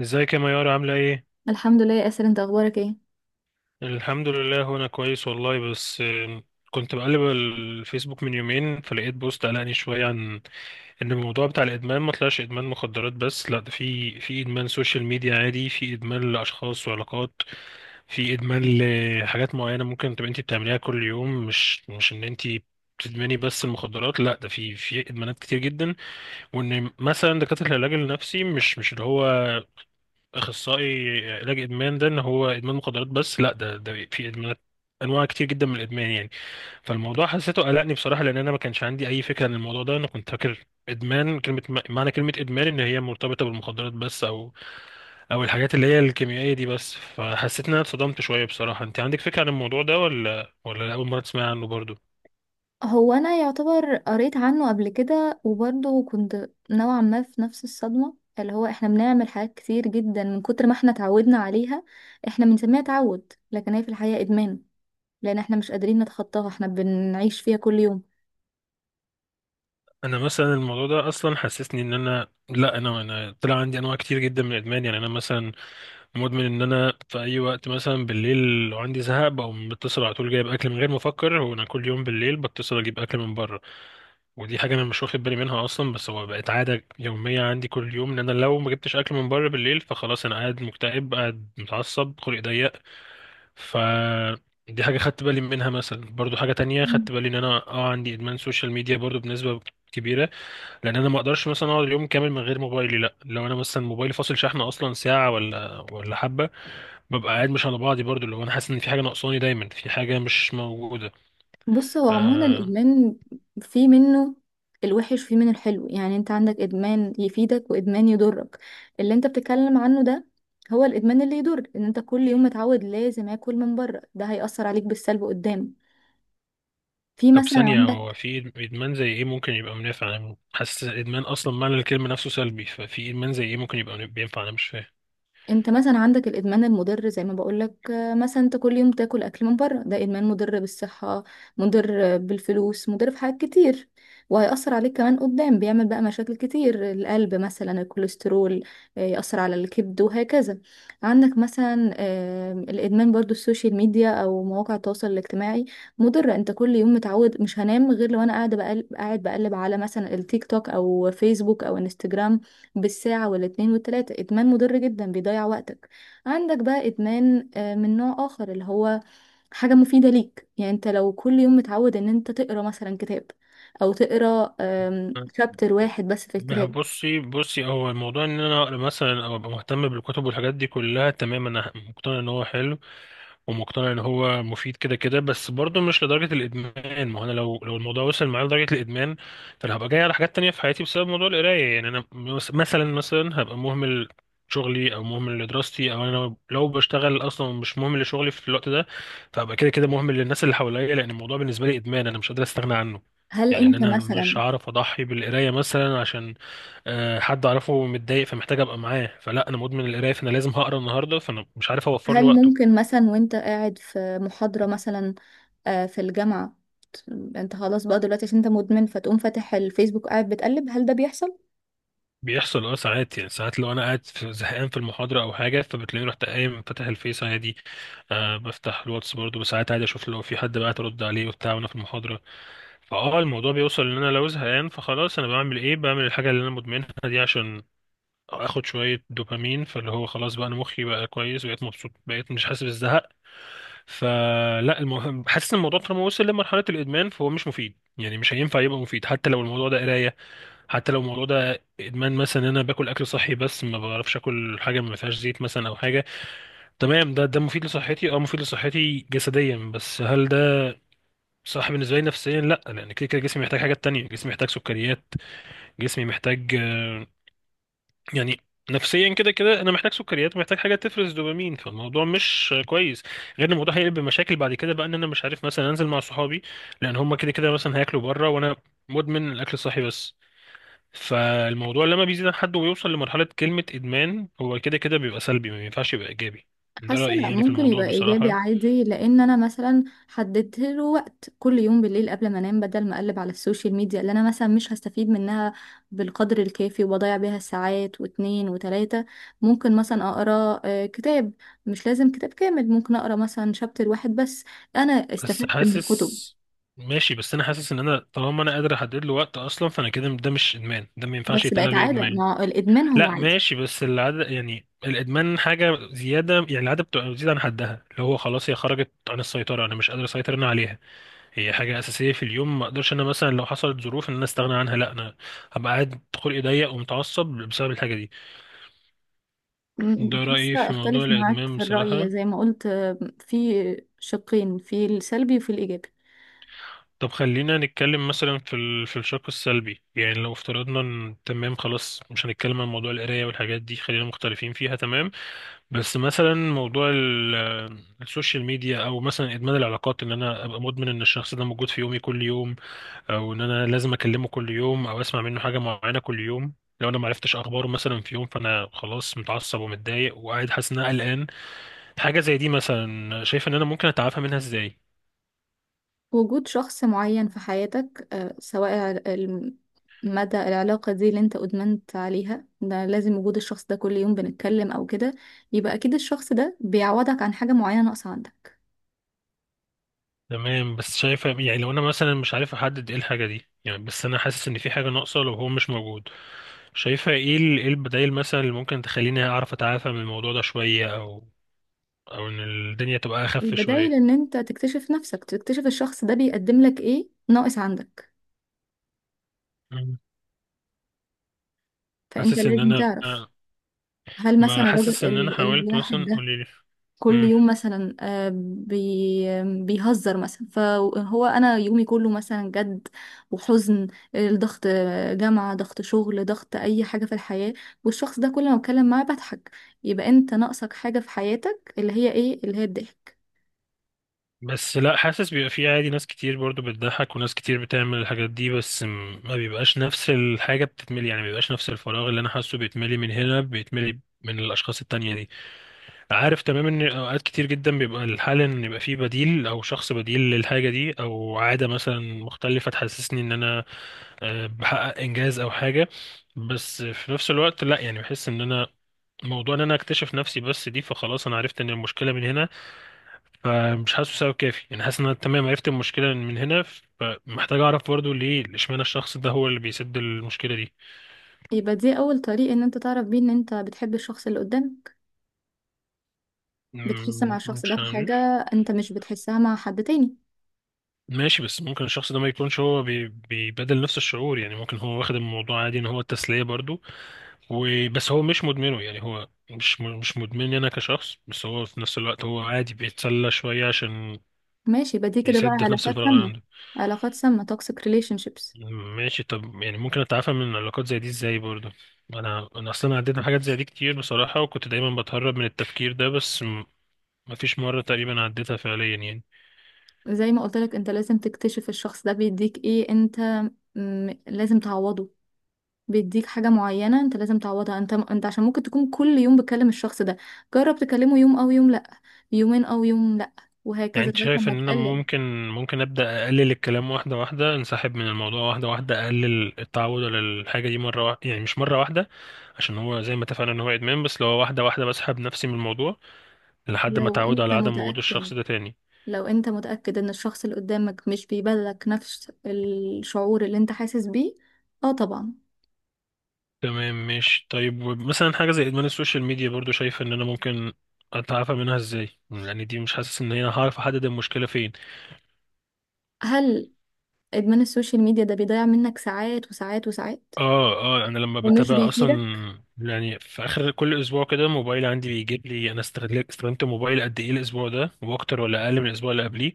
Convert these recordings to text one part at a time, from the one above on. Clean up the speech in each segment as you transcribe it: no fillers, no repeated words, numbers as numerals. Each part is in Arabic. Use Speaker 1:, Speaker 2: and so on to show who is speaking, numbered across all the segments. Speaker 1: ازيك يا ميار عاملة ايه؟
Speaker 2: الحمد لله يا اسر، انت اخبارك ايه؟
Speaker 1: الحمد لله وانا كويس والله بس كنت بقلب الفيسبوك من يومين فلقيت بوست قلقني شوية عن ان الموضوع بتاع الادمان ما طلعش ادمان مخدرات بس، لا، ده في ادمان سوشيال ميديا عادي، في ادمان لاشخاص وعلاقات، في ادمان لحاجات معينة ممكن تبقى انت بتعمليها كل يوم، مش ان انت بتدمني بس المخدرات، لا ده في ادمانات كتير جدا، وان مثلا دكاتره العلاج النفسي مش اللي هو اخصائي علاج ادمان ده ان هو ادمان مخدرات بس، لا ده في ادمانات انواع كتير جدا من الادمان يعني. فالموضوع حسيته قلقني بصراحه، لان انا ما كانش عندي اي فكره عن الموضوع ده. انا كنت فاكر ادمان كلمه، معنى كلمه ادمان ان هي مرتبطه بالمخدرات بس، او الحاجات اللي هي الكيميائيه دي بس. فحسيت ان انا اتصدمت شويه بصراحه. انت عندك فكره عن الموضوع ده ولا اول مره تسمع عنه برضو؟
Speaker 2: هو انا يعتبر قريت عنه قبل كده، وبرضه كنت نوعا ما في نفس الصدمة، اللي هو احنا بنعمل حاجات كتير جدا من كتر ما احنا اتعودنا عليها. احنا بنسميها تعود، لكن هي في الحقيقة ادمان، لان احنا مش قادرين نتخطاها، احنا بنعيش فيها كل يوم.
Speaker 1: انا مثلا الموضوع ده اصلا حسسني ان انا، لا، انا طلع عندي انواع كتير جدا من الادمان يعني. انا مثلا مدمن ان انا في اي وقت مثلا بالليل لو عندي زهق بقوم بتصل على طول جايب اكل من غير ما افكر، وانا كل يوم بالليل بتصل اجيب اكل من بره. ودي حاجه انا مش واخد بالي منها اصلا، بس هو بقت عاده يوميه عندي كل يوم، ان انا لو ما جبتش اكل من بره بالليل فخلاص انا قاعد مكتئب، قاعد متعصب، خلقي ضيق. ف دي حاجه خدت بالي منها. مثلا برضو حاجه تانية خدت بالي ان انا عندي ادمان سوشيال ميديا برضو بنسبه كبيره، لان انا ما اقدرش مثلا اقعد اليوم كامل من غير موبايلي. لا، لو انا مثلا موبايلي فاصل شحن اصلا ساعه ولا حبه ببقى قاعد مش على بعضي، برضو لو انا حاسس ان في حاجه ناقصاني، دايما في حاجه مش موجوده.
Speaker 2: بص، هو عموما
Speaker 1: آه.
Speaker 2: الادمان في منه الوحش، في منه الحلو. يعني انت عندك ادمان يفيدك وادمان يضرك. اللي انت بتتكلم عنه ده هو الادمان اللي يضر. ان انت كل يوم متعود لازم اكل من بره، ده هيأثر عليك بالسلب قدام. في
Speaker 1: طب
Speaker 2: مثلا
Speaker 1: ثانيه، هو
Speaker 2: عندك
Speaker 1: في ادمان زي ايه ممكن يبقى منافع؟ انا حاسس الادمان اصلا معنى الكلمه نفسه سلبي، ففي ادمان زي ايه ممكن يبقى بينفع؟ انا مش فاهم.
Speaker 2: انت مثلا عندك الادمان المضر، زي ما بقولك، مثلا انت كل يوم تاكل اكل من بره، ده ادمان مضر بالصحه، مضر بالفلوس، مضر في حاجات كتير. وهيأثر عليك كمان قدام، بيعمل بقى مشاكل كتير، القلب مثلا، الكوليسترول. يأثر على الكبد وهكذا. عندك مثلا الادمان برضو السوشيال ميديا او مواقع التواصل الاجتماعي. مضر، انت كل يوم متعود مش هنام غير لو انا قاعد بقلب على مثلا التيك توك او فيسبوك او انستجرام بالساعة والاتنين والتلاتة. إدمان مضر جدا، بيضيع وقتك. عندك بقى إدمان من نوع آخر، اللي هو حاجة مفيدة ليك. يعني أنت لو كل يوم متعود إن أنت تقرأ مثلا كتاب، أو تقرأ شابتر واحد بس في
Speaker 1: ما
Speaker 2: الكتاب.
Speaker 1: بصي بصي، هو الموضوع ان انا اقرا مثلا او ابقى مهتم بالكتب والحاجات دي كلها، تمام، انا مقتنع ان هو حلو ومقتنع ان هو مفيد كده كده، بس برضه مش لدرجه الادمان. ما هو انا لو الموضوع وصل معايا لدرجه الادمان فانا هبقى جاي على حاجات تانية في حياتي بسبب موضوع القرايه. يعني انا مثلا هبقى مهمل شغلي او مهمل لدراستي، او انا لو بشتغل اصلا مش مهمل لشغلي في الوقت ده، فهبقى كده كده مهمل للناس اللي حواليا، لان الموضوع بالنسبه لي ادمان انا مش قادر استغنى عنه.
Speaker 2: هل
Speaker 1: يعني ان
Speaker 2: أنت
Speaker 1: انا مش
Speaker 2: مثلا،
Speaker 1: هعرف اضحي بالقرايه مثلا عشان حد اعرفه متضايق فمحتاج ابقى معاه، فلا انا مدمن القرايه فانا لازم هقرا النهارده فانا مش عارف اوفر له
Speaker 2: هل
Speaker 1: وقت.
Speaker 2: ممكن مثلا وأنت قاعد في محاضرة مثلا، في الجامعة، ت- أنت خلاص بقى دلوقتي عشان أنت مدمن فتقوم فاتح الفيسبوك قاعد بتقلب، هل ده بيحصل؟
Speaker 1: بيحصل، اه. ساعات يعني، ساعات لو انا قاعد زهقان في المحاضره او حاجه فبتلاقيني رحت قايم فاتح الفيس عادي. آه، بفتح الواتس برضه ساعات عادي، اشوف لو في حد بعت ارد عليه وبتاع وانا في المحاضره. فاه، الموضوع بيوصل ان انا لو زهقان فخلاص انا بعمل ايه، بعمل الحاجه اللي انا مدمنها دي، عشان اخد شويه دوبامين فاللي هو خلاص بقى انا مخي بقى كويس، بقيت مبسوط، بقيت مش حاسس بالزهق. فلا، المهم حاسس ان الموضوع طالما وصل لمرحله الادمان فهو مش مفيد، يعني مش هينفع يبقى مفيد حتى لو الموضوع ده قرايه، حتى لو الموضوع ده ادمان مثلا ان انا باكل اكل صحي بس ما بعرفش اكل حاجه ما فيهاش زيت مثلا او حاجه. تمام، ده مفيد لصحتي، اه، مفيد لصحتي جسديا، بس هل ده صح بالنسبه لي نفسيا؟ لا، لان كده كده جسمي محتاج حاجات تانية، جسمي محتاج سكريات، جسمي محتاج، يعني، نفسيا كده كده انا محتاج سكريات، محتاج حاجه تفرز دوبامين، فالموضوع مش كويس. غير ان الموضوع هيقلب بمشاكل بعد كده، بقى ان انا مش عارف مثلا انزل مع صحابي لان هم كده كده مثلا هياكلوا بره وانا مدمن الاكل الصحي بس. فالموضوع لما بيزيد عن حد ويوصل لمرحلة كلمة إدمان هو كده كده بيبقى سلبي، ما ينفعش يبقى إيجابي. ده
Speaker 2: حاسه
Speaker 1: رأيي
Speaker 2: لا،
Speaker 1: يعني في
Speaker 2: ممكن
Speaker 1: الموضوع
Speaker 2: يبقى ايجابي
Speaker 1: بصراحة.
Speaker 2: عادي، لان انا مثلا حددت له وقت كل يوم بالليل قبل ما انام. بدل ما اقلب على السوشيال ميديا اللي انا مثلا مش هستفيد منها بالقدر الكافي وبضيع بيها ساعات واتنين وتلاته، ممكن مثلا اقرا كتاب. مش لازم كتاب كامل، ممكن اقرا مثلا شابتر واحد بس. انا
Speaker 1: بس
Speaker 2: استفدت من الكتب.
Speaker 1: حاسس. ماشي، بس أنا حاسس إن أنا طالما أنا قادر أحدد له وقت أصلا فأنا كده ده مش إدمان، ده ما ينفعش
Speaker 2: بس
Speaker 1: يتقال
Speaker 2: بقت
Speaker 1: عليه
Speaker 2: عاده،
Speaker 1: إدمان.
Speaker 2: ما الادمان هو
Speaker 1: لا
Speaker 2: عاده.
Speaker 1: ماشي، بس العادة يعني، الإدمان حاجة زيادة يعني، العادة بتبقى بتزيد عن حدها اللي هو خلاص هي خرجت عن السيطرة، أنا مش قادر أسيطر أنا عليها. هي حاجة أساسية في اليوم، ما أقدرش أنا مثلا لو حصلت ظروف إن أنا أستغنى عنها، لا، أنا هبقى قاعد خلقي ضيق ومتعصب بسبب الحاجة دي. ده رأيي
Speaker 2: حاسه
Speaker 1: في موضوع
Speaker 2: اختلف معاك
Speaker 1: الإدمان
Speaker 2: في الراي،
Speaker 1: بصراحة.
Speaker 2: زي ما قلت، في شقين، في السلبي وفي الايجابي.
Speaker 1: طب خلينا نتكلم مثلا في في الشق السلبي. يعني لو افترضنا ان تمام، خلاص، مش هنتكلم عن موضوع القراية والحاجات دي، خلينا مختلفين فيها، تمام. بس مثلا موضوع السوشيال ميديا، او مثلا ادمان العلاقات، ان انا ابقى مدمن ان الشخص ده موجود في يومي كل يوم، او ان انا لازم اكلمه كل يوم او اسمع منه حاجة معينة كل يوم. لو انا معرفتش اخباره مثلا في يوم فانا خلاص متعصب ومتضايق وقاعد حاسس ان انا قلقان. حاجة زي دي مثلا شايف ان انا ممكن اتعافى منها ازاي؟
Speaker 2: وجود شخص معين في حياتك، سواء مدى العلاقة دي اللي انت ادمنت عليها، ده لازم وجود الشخص ده كل يوم بنتكلم او كده، يبقى اكيد الشخص ده بيعوضك عن حاجة معينة ناقصة عندك.
Speaker 1: تمام، بس شايفة يعني، لو انا مثلا مش عارف احدد ايه الحاجة دي يعني، بس انا حاسس ان في حاجة ناقصة لو هو مش موجود. شايفة ايه ايه البدائل مثلا اللي ممكن تخليني اعرف اتعافى من الموضوع ده شوية، او ان الدنيا تبقى اخف
Speaker 2: البدايل
Speaker 1: شوية؟
Speaker 2: ان انت تكتشف نفسك، تكتشف الشخص ده بيقدم لك ايه ناقص عندك.
Speaker 1: مم.
Speaker 2: فانت
Speaker 1: حاسس ان
Speaker 2: لازم
Speaker 1: انا.
Speaker 2: تعرف. هل
Speaker 1: ما
Speaker 2: مثلا الراجل
Speaker 1: حاسس ان انا حاولت
Speaker 2: الواحد
Speaker 1: مثلا،
Speaker 2: ده
Speaker 1: قولي لي.
Speaker 2: كل
Speaker 1: مم.
Speaker 2: يوم مثلا بيهزر مثلا، فهو انا يومي كله مثلا جد وحزن، الضغط، جامعة ضغط، شغل ضغط، اي حاجة في الحياة، والشخص ده كل ما بتكلم معاه بضحك. يبقى انت ناقصك حاجة في حياتك اللي هي ايه؟ اللي هي الضحك.
Speaker 1: بس لا، حاسس بيبقى في عادي، ناس كتير برضو بتضحك وناس كتير بتعمل الحاجات دي، بس ما بيبقاش نفس الحاجة بتتملي، يعني ما بيبقاش نفس الفراغ اللي انا حاسه بيتملي من هنا بيتملي من الاشخاص التانية دي. عارف تمام ان اوقات كتير جدا بيبقى الحل ان يبقى فيه بديل او شخص بديل للحاجه دي، او عاده مثلا مختلفه تحسسني ان انا، بحقق انجاز او حاجه. بس في نفس الوقت لا يعني، بحس ان انا موضوع ان انا اكتشف نفسي بس دي فخلاص انا عرفت ان المشكله من هنا، فمش حاسه سبب كافي. يعني حاسس ان انا تمام عرفت المشكله من هنا، فمحتاج اعرف برضو ليه اشمعنى الشخص ده هو اللي بيسد المشكله دي.
Speaker 2: يبقى دي اول طريق ان انت تعرف بيه ان انت بتحب الشخص اللي قدامك. بتحس مع
Speaker 1: مم،
Speaker 2: الشخص ده
Speaker 1: مش
Speaker 2: في حاجة
Speaker 1: عارف.
Speaker 2: انت مش بتحسها مع حد تاني.
Speaker 1: ماشي، بس ممكن الشخص ده ما يكونش هو بيبادل نفس الشعور. يعني ممكن هو واخد الموضوع عادي ان هو التسلية برضو وبس، هو مش مدمنه، يعني هو مش مش مدمن انا كشخص، بس هو في نفس الوقت هو عادي بيتسلى شوية عشان
Speaker 2: ماشي، يبقى دي كده بقى
Speaker 1: يسد في نفس
Speaker 2: علاقات
Speaker 1: الفراغ اللي
Speaker 2: سامة،
Speaker 1: عنده.
Speaker 2: علاقات سامة، toxic relationships.
Speaker 1: ماشي، طب يعني ممكن اتعافى من علاقات زي دي ازاي برضو؟ انا اصلا عديت من حاجات زي دي كتير بصراحة، وكنت دايما بتهرب من التفكير ده، بس مفيش مرة تقريبا عديتها فعليا يعني.
Speaker 2: زي ما قلت لك، انت لازم تكتشف الشخص ده بيديك ايه. انت لازم تعوضه، بيديك حاجة معينة انت لازم تعوضها. انت عشان ممكن تكون كل يوم بتكلم الشخص ده، جرب تكلمه يوم او يوم لا، يومين او يوم لا،
Speaker 1: يعني
Speaker 2: وهكذا
Speaker 1: انت
Speaker 2: لغاية
Speaker 1: شايف
Speaker 2: لما
Speaker 1: ان انا
Speaker 2: تقلل.
Speaker 1: ممكن، ابدا اقلل الكلام واحده واحده، انسحب من الموضوع واحده واحده، اقلل التعود على الحاجه دي مره واحده؟ يعني مش مره واحده عشان هو زي ما اتفقنا ان هو ادمان، بس لو واحده واحده بسحب نفسي من الموضوع لحد ما
Speaker 2: لو
Speaker 1: اتعود على
Speaker 2: انت
Speaker 1: عدم وجود
Speaker 2: متأكد
Speaker 1: الشخص ده تاني.
Speaker 2: لو انت متأكد ان الشخص اللي قدامك مش بيبادلك نفس الشعور اللي انت حاسس بيه، اه طبعا.
Speaker 1: تمام ماشي. طيب مثلا حاجه زي ادمان السوشيال ميديا برضو شايف ان انا ممكن اتعافى منها ازاي؟ يعني دي مش حاسس ان انا هعرف احدد المشكله فين.
Speaker 2: هل ادمان السوشيال ميديا ده بيضيع منك ساعات وساعات وساعات
Speaker 1: اه، اه انا لما
Speaker 2: ومش
Speaker 1: بتابع اصلا،
Speaker 2: بيفيدك؟
Speaker 1: يعني في اخر كل اسبوع كده موبايل عندي بيجيب لي انا استغلت استخدمت موبايل قد ايه الاسبوع ده واكتر ولا اقل من الاسبوع اللي قبليه.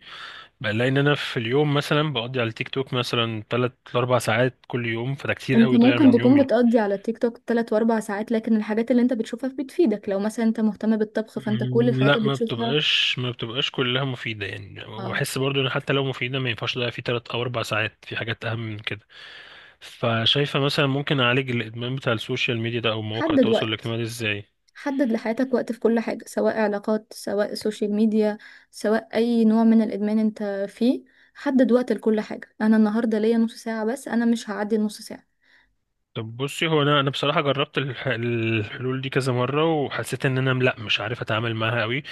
Speaker 1: بلاقي ان انا في اليوم مثلا بقضي على التيك توك مثلا 3 4 ساعات كل يوم، فده كتير
Speaker 2: انت
Speaker 1: قوي ضايع
Speaker 2: ممكن
Speaker 1: من
Speaker 2: تكون
Speaker 1: يومي.
Speaker 2: بتقضي على تيك توك 3 واربع ساعات، لكن الحاجات اللي انت بتشوفها بتفيدك لو مثلا انت مهتم بالطبخ، فانت كل
Speaker 1: مم،
Speaker 2: الحاجات
Speaker 1: لا،
Speaker 2: اللي بتشوفها.
Speaker 1: ما بتبقاش كلها مفيدة يعني،
Speaker 2: اه،
Speaker 1: وبحس برضو ان حتى لو مفيدة ما ينفعش اضيع فيه تلات او اربع ساعات في حاجات اهم من كده. فشايفة مثلا ممكن اعالج الادمان بتاع السوشيال ميديا ده او مواقع
Speaker 2: حدد
Speaker 1: التواصل
Speaker 2: وقت،
Speaker 1: الاجتماعي ده ازاي؟
Speaker 2: حدد لحياتك وقت في كل حاجة، سواء علاقات، سواء سوشيال ميديا، سواء اي نوع من الادمان انت فيه. حدد وقت لكل حاجة. انا النهاردة ليا نص ساعة بس، انا مش هعدي النص ساعة.
Speaker 1: طب بصي، هو انا بصراحه جربت الحلول دي كذا مره وحسيت ان انا لا مش عارف اتعامل معاها قوي.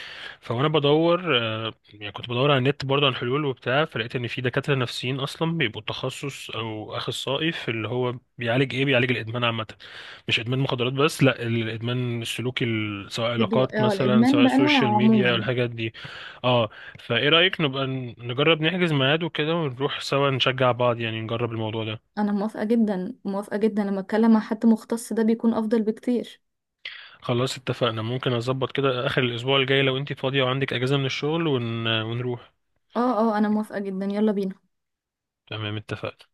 Speaker 1: فانا بدور، يعني كنت بدور على النت برضه عن حلول وبتاع، فلقيت ان في دكاتره نفسيين اصلا بيبقوا تخصص او اخصائي في اللي هو بيعالج ايه، بيعالج الادمان عامه، مش ادمان مخدرات بس، لا، الادمان السلوكي سواء علاقات
Speaker 2: اه
Speaker 1: مثلا،
Speaker 2: الادمان
Speaker 1: سواء سوشيال
Speaker 2: بانواعه
Speaker 1: ميديا،
Speaker 2: عموما.
Speaker 1: الحاجات دي. اه، فايه رايك نبقى نجرب نحجز ميعاد وكده ونروح سوا نشجع بعض يعني، نجرب الموضوع ده؟
Speaker 2: انا موافقة جدا، موافقة جدا، لما اتكلم مع حد مختص ده بيكون افضل بكتير.
Speaker 1: خلاص اتفقنا. ممكن اظبط كده اخر الاسبوع الجاي لو انتي فاضية وعندك اجازة من الشغل ونروح.
Speaker 2: اه اه، انا موافقة جدا، يلا بينا.
Speaker 1: تمام اتفقنا.